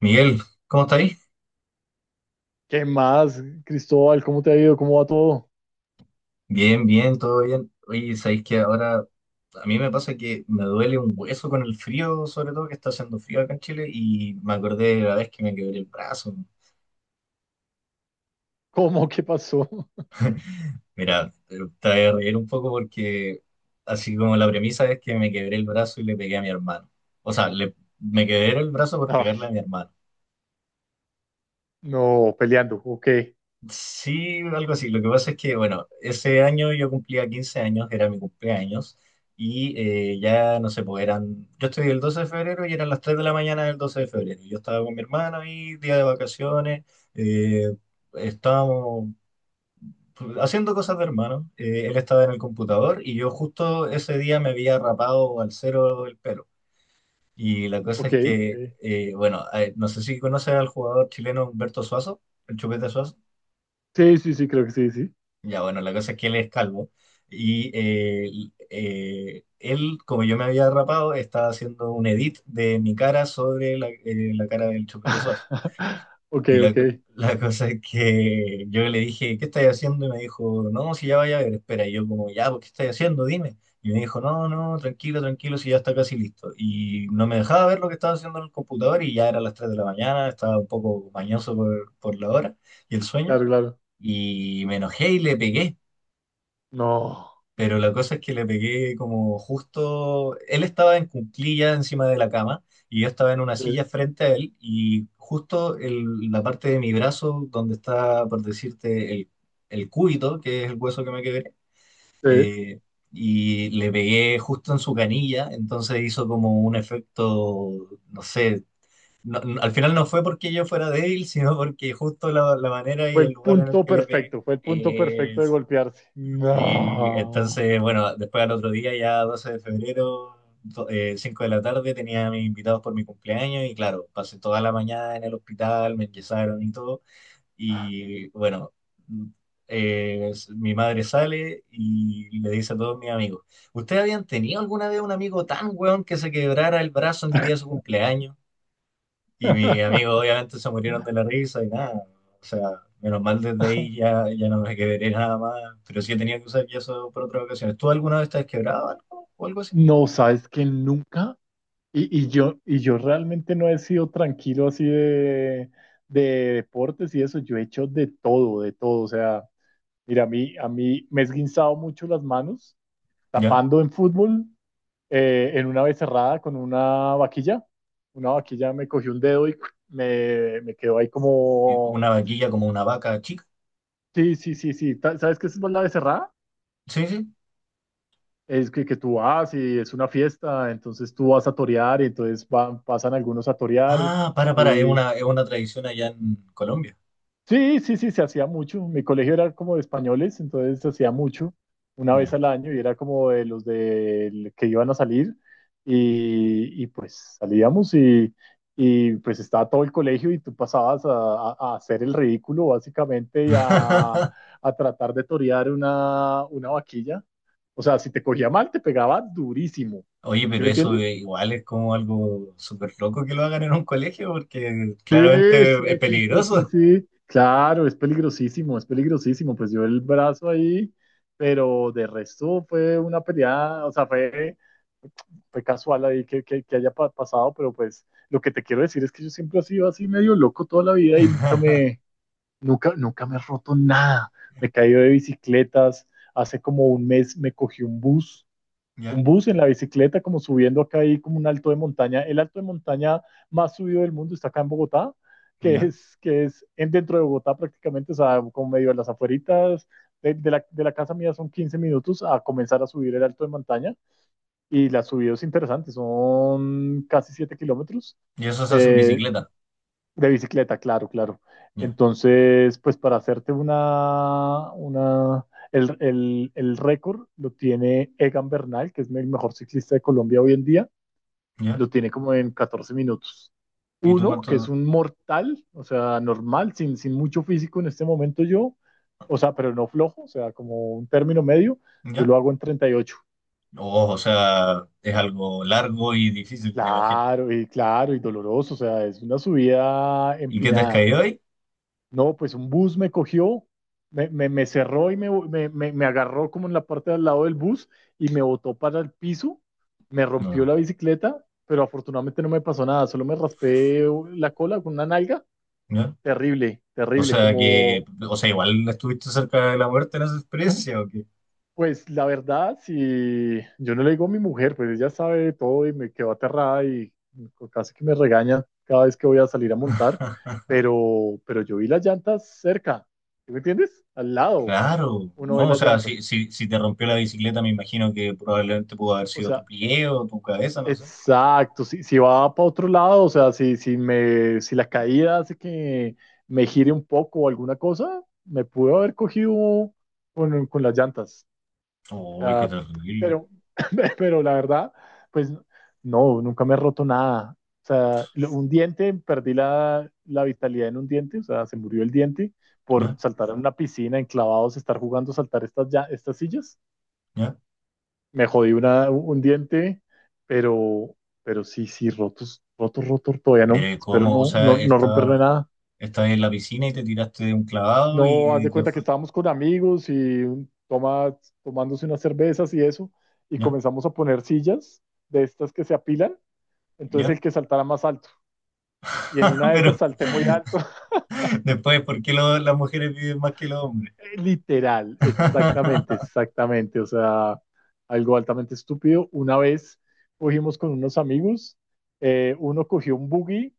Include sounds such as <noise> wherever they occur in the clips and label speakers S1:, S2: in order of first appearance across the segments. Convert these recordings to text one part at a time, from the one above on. S1: Miguel, ¿cómo estáis?
S2: ¿Qué más, Cristóbal? ¿Cómo te ha ido? ¿Cómo va todo?
S1: Bien, bien, todo bien. Oye, sabéis que ahora a mí me pasa que me duele un hueso con el frío, sobre todo que está haciendo frío acá en Chile, y me acordé de la vez que me quebré el brazo.
S2: ¿Cómo? ¿Qué pasó? <laughs>
S1: Mira, te voy a reír un poco porque así como la premisa es que me quebré el brazo y le pegué a mi hermano. O sea, le, me quebré el brazo por
S2: Ay,
S1: pegarle a mi hermano.
S2: no, peleando. Ok,
S1: Sí, algo así. Lo que pasa es que, bueno, ese año yo cumplía 15 años, era mi cumpleaños, y ya no sé, pues eran, yo estoy el 12 de febrero y eran las 3 de la mañana del 12 de febrero. Yo estaba con mi hermano ahí, día de vacaciones, eh, estábamos haciendo cosas de hermano. Él estaba en el computador y yo justo ese día me había rapado al cero el pelo. Y la cosa
S2: ok,
S1: es
S2: ok.
S1: que, bueno, no sé si conoces al jugador chileno Humberto Suazo, el Chupete Suazo.
S2: Sí, sí, sí, creo que sí, sí.
S1: Ya, bueno, la cosa es que él es calvo y él, como yo me había rapado, estaba haciendo un edit de mi cara sobre la, la cara del Chupete Suazo.
S2: <laughs> Ok,
S1: Y la,
S2: ok,
S1: la cosa es que yo le dije, ¿qué estás haciendo? Y me dijo, no, si ya vaya a ver, espera. Y yo como, ya, pues, ¿qué estás haciendo? Dime. Y me dijo, no, no, tranquilo, tranquilo, si ya está casi listo. Y no me dejaba ver lo que estaba haciendo en el computador y ya era las 3 de la mañana, estaba un poco mañoso por la hora y el sueño.
S2: claro, claro.
S1: Y me enojé y le pegué.
S2: No,
S1: Pero la cosa es que le pegué como justo, él estaba en cuclilla encima de la cama y yo estaba en una
S2: sí,
S1: silla frente a él y justo la parte de mi brazo donde está, por decirte, el cúbito, que es el hueso que me quebré,
S2: sí.
S1: eh, y le pegué justo en su canilla, entonces hizo como un efecto, no sé, al final no fue porque yo fuera débil, <laughs> sino porque justo la, la manera
S2: Fue
S1: y el
S2: el
S1: lugar en el
S2: punto
S1: que le pegué.
S2: perfecto, fue el punto perfecto de golpearse.
S1: Sí,
S2: No.
S1: entonces, bueno, después al otro día, ya 12 de febrero, 5 de la tarde, tenía a mis invitados por mi cumpleaños y claro, pasé toda la mañana en el hospital, me enyesaron y todo. Y bueno, mm, mi madre sale y le dice a todos mis amigos, ¿ustedes habían tenido alguna vez un amigo tan weón que se quebrara el brazo en el día de
S2: <laughs>
S1: su cumpleaños? Y mis amigos obviamente se murieron de la risa y nada. O sea, menos mal desde ahí ya, ya no me quebré nada más. Pero sí he tenido que usar yeso por otras ocasiones. ¿Tú alguna vez te has quebrado algo o algo así?
S2: No, sabes que nunca, y yo realmente no he sido tranquilo así de deportes y eso, yo he hecho de todo, o sea, mira, a mí me he esguinzado mucho las manos
S1: ¿Ya?
S2: tapando en fútbol, en una vez cerrada con una vaquilla. Una vaquilla me cogió un dedo y me quedó ahí como.
S1: ¿Una vaquilla como una vaca chica?
S2: Sí, sí, sí, sí. ¿Sabes qué es la becerrada?
S1: Sí, sí.
S2: Es que tú vas y es una fiesta, entonces tú vas a torear y entonces van, pasan algunos a torear.
S1: Ah, para, es una tradición allá en Colombia.
S2: Sí, sí, sí, se hacía mucho. Mi colegio era como de españoles, entonces se hacía mucho, una vez
S1: Ya.
S2: al año, y era como de los de, que iban a salir, y pues salíamos, y pues estaba todo el colegio y tú pasabas a hacer el ridículo básicamente y a,
S1: <laughs>
S2: a tratar de torear una vaquilla. O sea, si te cogía mal, te pegaba durísimo.
S1: Oye,
S2: ¿Sí
S1: pero
S2: me
S1: eso
S2: entiendes?
S1: igual es como algo súper loco que lo hagan en un colegio porque
S2: Sí,
S1: claramente es
S2: sí, sí, sí, sí,
S1: peligroso.
S2: sí. Claro, es peligrosísimo, es peligrosísimo. Pues yo el brazo ahí, pero de resto fue una pelea, o sea, fue, casual ahí que haya pasado, pero pues lo que te quiero decir es que yo siempre he sido así medio loco toda la vida y nunca
S1: <laughs>
S2: me, nunca, nunca me he roto nada. Me he caído de bicicletas, hace como un mes me cogí un bus un
S1: Ya,
S2: bus en la bicicleta, como subiendo acá ahí como un alto de montaña. El alto de montaña más subido del mundo está acá en Bogotá, que
S1: ya.
S2: es, que es en, dentro de Bogotá prácticamente, o sea, como medio a las afueritas. De la casa mía son 15 minutos a comenzar a subir el alto de montaña y la subida es interesante, son casi 7 kilómetros.
S1: Y eso se hace en
S2: Eh,
S1: bicicleta.
S2: de bicicleta, claro, claro.
S1: Ya,
S2: Entonces, pues para hacerte una, el récord lo tiene Egan Bernal, que es el mejor ciclista de Colombia hoy en día,
S1: ya.
S2: lo tiene como en 14 minutos.
S1: ¿Y tú
S2: Uno, que es
S1: cuánto?
S2: un mortal, o sea, normal, sin mucho físico en este momento yo, o sea, pero no flojo, o sea, como un término medio, yo
S1: ¿Ya?
S2: lo hago en 38.
S1: Oh, o sea, es algo largo y difícil, me imagino.
S2: Claro, y claro, y doloroso, o sea, es una subida
S1: ¿Y qué te has
S2: empinada.
S1: caído ahí?
S2: No, pues un bus me cogió, me cerró y me agarró como en la parte de al lado del bus y me botó para el piso, me rompió
S1: No,
S2: la bicicleta, pero afortunadamente no me pasó nada, solo me raspé la cola con una nalga.
S1: ¿ya?
S2: Terrible,
S1: O
S2: terrible,
S1: sea que,
S2: como,
S1: o sea, igual estuviste cerca de la muerte en esa experiencia, ¿o qué?
S2: pues la verdad, si yo no le digo a mi mujer, pues ella sabe todo y me quedó aterrada y casi que me regaña cada vez que voy a salir a montar,
S1: <laughs>
S2: pero yo vi las llantas cerca, ¿sí me entiendes? Al lado
S1: Claro,
S2: uno ve
S1: no, o
S2: las
S1: sea,
S2: llantas.
S1: si, si, si te rompió la bicicleta, me imagino que probablemente pudo haber
S2: O
S1: sido tu
S2: sea,
S1: pie o tu cabeza, no sé.
S2: exacto. Si va para otro lado, o sea, si la caída hace que me gire un poco o alguna cosa, me pudo haber cogido con las llantas. O
S1: Uy, qué
S2: sea,
S1: terrible.
S2: pero, <laughs> pero la verdad, pues no, nunca me he roto nada. O sea, un diente, perdí la vitalidad en un diente, o sea, se murió el diente por
S1: ¿Ya?
S2: saltar en una piscina, enclavados, estar jugando, saltar estas, ya, estas sillas.
S1: ¿Ya?
S2: Me jodí un diente, pero, pero, sí, sí, rotos, rotos, rotos, todavía
S1: Pero
S2: no.
S1: ¿y
S2: Espero
S1: ¿cómo? O
S2: no, no,
S1: sea,
S2: no romperme
S1: está,
S2: nada.
S1: estás en la piscina y te tiraste de un clavado
S2: No, haz
S1: y
S2: de
S1: te
S2: cuenta que
S1: fui.
S2: estábamos con amigos y toma, tomándose unas cervezas y eso, y
S1: ¿Ya?
S2: comenzamos a poner sillas de estas que se apilan, entonces
S1: ¿Ya?
S2: el que saltara más alto. Y en
S1: <laughs>
S2: una de esas
S1: Pero,
S2: salté muy alto. <laughs>
S1: <laughs> después, ¿por qué las mujeres viven más que los hombres?
S2: Literal, exactamente,
S1: <laughs>
S2: exactamente, o sea, algo altamente estúpido. Una vez cogimos con unos amigos, uno cogió un buggy.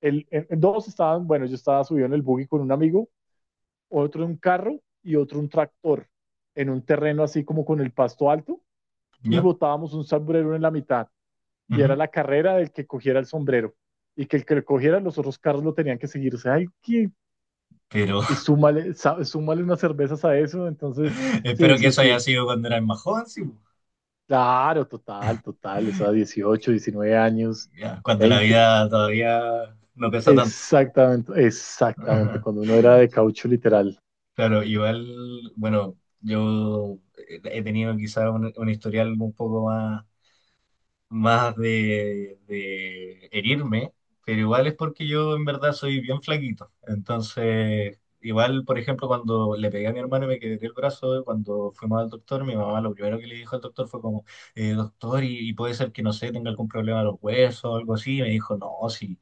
S2: En dos estaban, bueno, yo estaba subido en el buggy con un amigo, otro en un carro y otro un tractor en un terreno así como con el pasto alto y
S1: ¿Ya?
S2: botábamos un sombrero en la mitad y era
S1: Ujú.
S2: la carrera del que cogiera el sombrero y que el que lo cogiera los otros carros lo tenían que seguir. O sea, hay que,
S1: Pero
S2: y súmale, unas cervezas a eso. Entonces,
S1: <laughs>
S2: sí,
S1: espero que
S2: sí,
S1: eso haya
S2: sí.
S1: sido cuando eras más joven, sí, po.
S2: Claro, total, total. O sea, 18, 19 años,
S1: Ya, cuando la
S2: 20.
S1: vida todavía no pesa tanto.
S2: Exactamente, exactamente. Cuando
S1: <laughs>
S2: uno era de caucho literal.
S1: Claro, igual, bueno, yo he tenido quizás un historial un poco más más de herirme, pero igual es porque yo en verdad soy bien flaquito. Entonces, igual, por ejemplo, cuando le pegué a mi hermano y me quebré el brazo, cuando fuimos al doctor, mi mamá lo primero que le dijo al doctor fue como, doctor, y puede ser que, no sé, tenga algún problema de los huesos o algo así. Y me dijo, no, sí,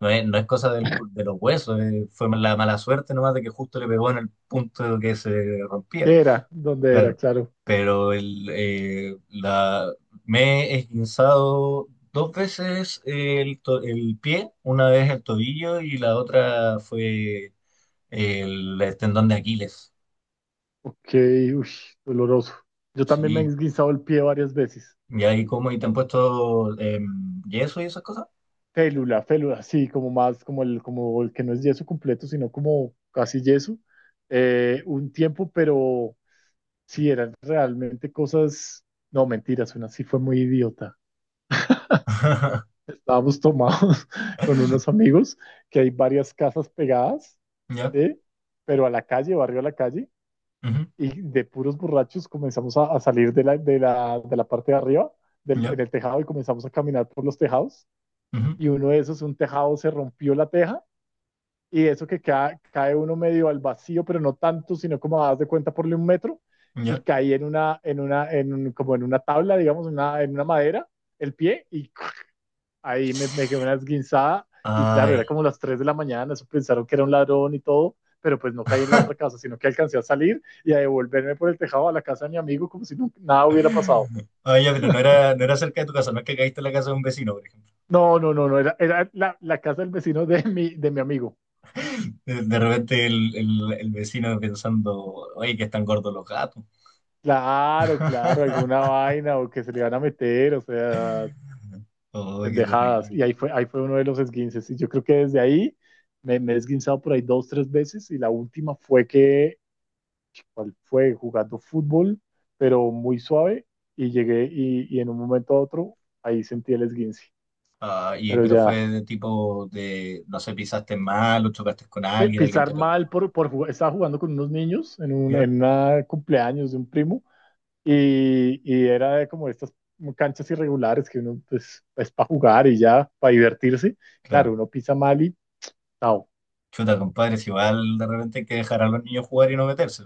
S1: no es, no es cosa de los huesos, fue la mala suerte nomás de que justo le pegó en el punto que se rompía
S2: ¿Qué era? ¿Dónde era?
S1: claro.
S2: Claro.
S1: Pero el, la, me he esguinzado dos veces el, el pie, una vez el tobillo y la otra fue el tendón de Aquiles.
S2: Ok, uy, doloroso. Yo también me he
S1: Sí.
S2: esguinzado el pie varias veces.
S1: ¿Y ahí cómo? ¿Y te han puesto yeso y esas cosas?
S2: Félula, félula, sí, como más, como el que no es yeso completo, sino como casi yeso. Un tiempo, pero sí eran realmente cosas, no, mentiras, una sí fue muy idiota.
S1: <laughs>
S2: Estábamos tomados <laughs> con unos amigos, que hay varias casas pegadas,
S1: Ya,
S2: ¿sí? Pero a la calle, barrio a la calle,
S1: ujú,
S2: y de puros borrachos comenzamos a salir de la parte de arriba,
S1: ya,
S2: en el tejado, y comenzamos a caminar por los tejados.
S1: ujú,
S2: Y uno de esos, un tejado, se rompió la teja y eso que cae, uno medio al vacío, pero no tanto, sino como das de cuenta por 1 metro y
S1: ya.
S2: caí en un, como en una tabla, digamos, en una madera, el pie, y ahí me quedé una esguinzada y claro, era
S1: Ay.
S2: como las 3 de la mañana, eso pensaron que era un ladrón y todo, pero pues no caí en la otra
S1: <laughs>
S2: casa, sino que alcancé a salir y a devolverme por el tejado a la casa de mi amigo como si no, nada hubiera pasado.
S1: Ay, ya, pero no era, no era cerca de tu casa, no es que caíste en la casa de un vecino, por ejemplo.
S2: No, no, no, no, era, la casa del vecino de mi amigo.
S1: De repente el, el vecino pensando, oye, que están gordos los gatos.
S2: Claro, claro, alguna
S1: <laughs>
S2: vaina o que se le van a meter, o sea,
S1: Oh, qué
S2: pendejadas.
S1: terrible.
S2: Y ahí fue uno de los esguinces. Y yo creo que desde ahí me he esguinzado por ahí dos, tres veces. Y la última fue que cual fue jugando fútbol, pero muy suave, y llegué y en un momento a otro ahí sentí el esguince,
S1: Ah, y,
S2: pero
S1: pero
S2: ya
S1: fue de tipo de, no sé, pisaste mal o chocaste con alguien, alguien
S2: pisar
S1: te pegó.
S2: mal por jugar, estaba jugando con unos niños en un
S1: ¿Vieron?
S2: en una cumpleaños de un primo, y era de como estas canchas irregulares que uno pues, es para jugar y ya, para divertirse, claro,
S1: Claro.
S2: uno pisa mal y chao,
S1: Chuta, compadres, igual de repente hay que dejar a los niños jugar y no meterse.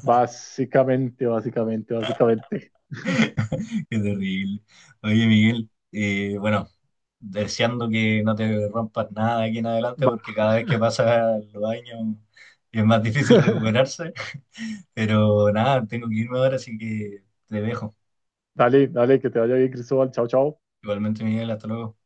S2: básicamente, básicamente, básicamente.
S1: <laughs> Qué terrible. Oye, Miguel, bueno, deseando que no te rompas nada de aquí en adelante,
S2: Va.
S1: porque cada vez que pasan los años es más difícil
S2: <laughs>
S1: recuperarse. <laughs> Pero nada, tengo que irme ahora, así que te dejo.
S2: Dale, dale, que te vaya bien, Cristóbal, chao, chao.
S1: Igualmente, Miguel, hasta luego.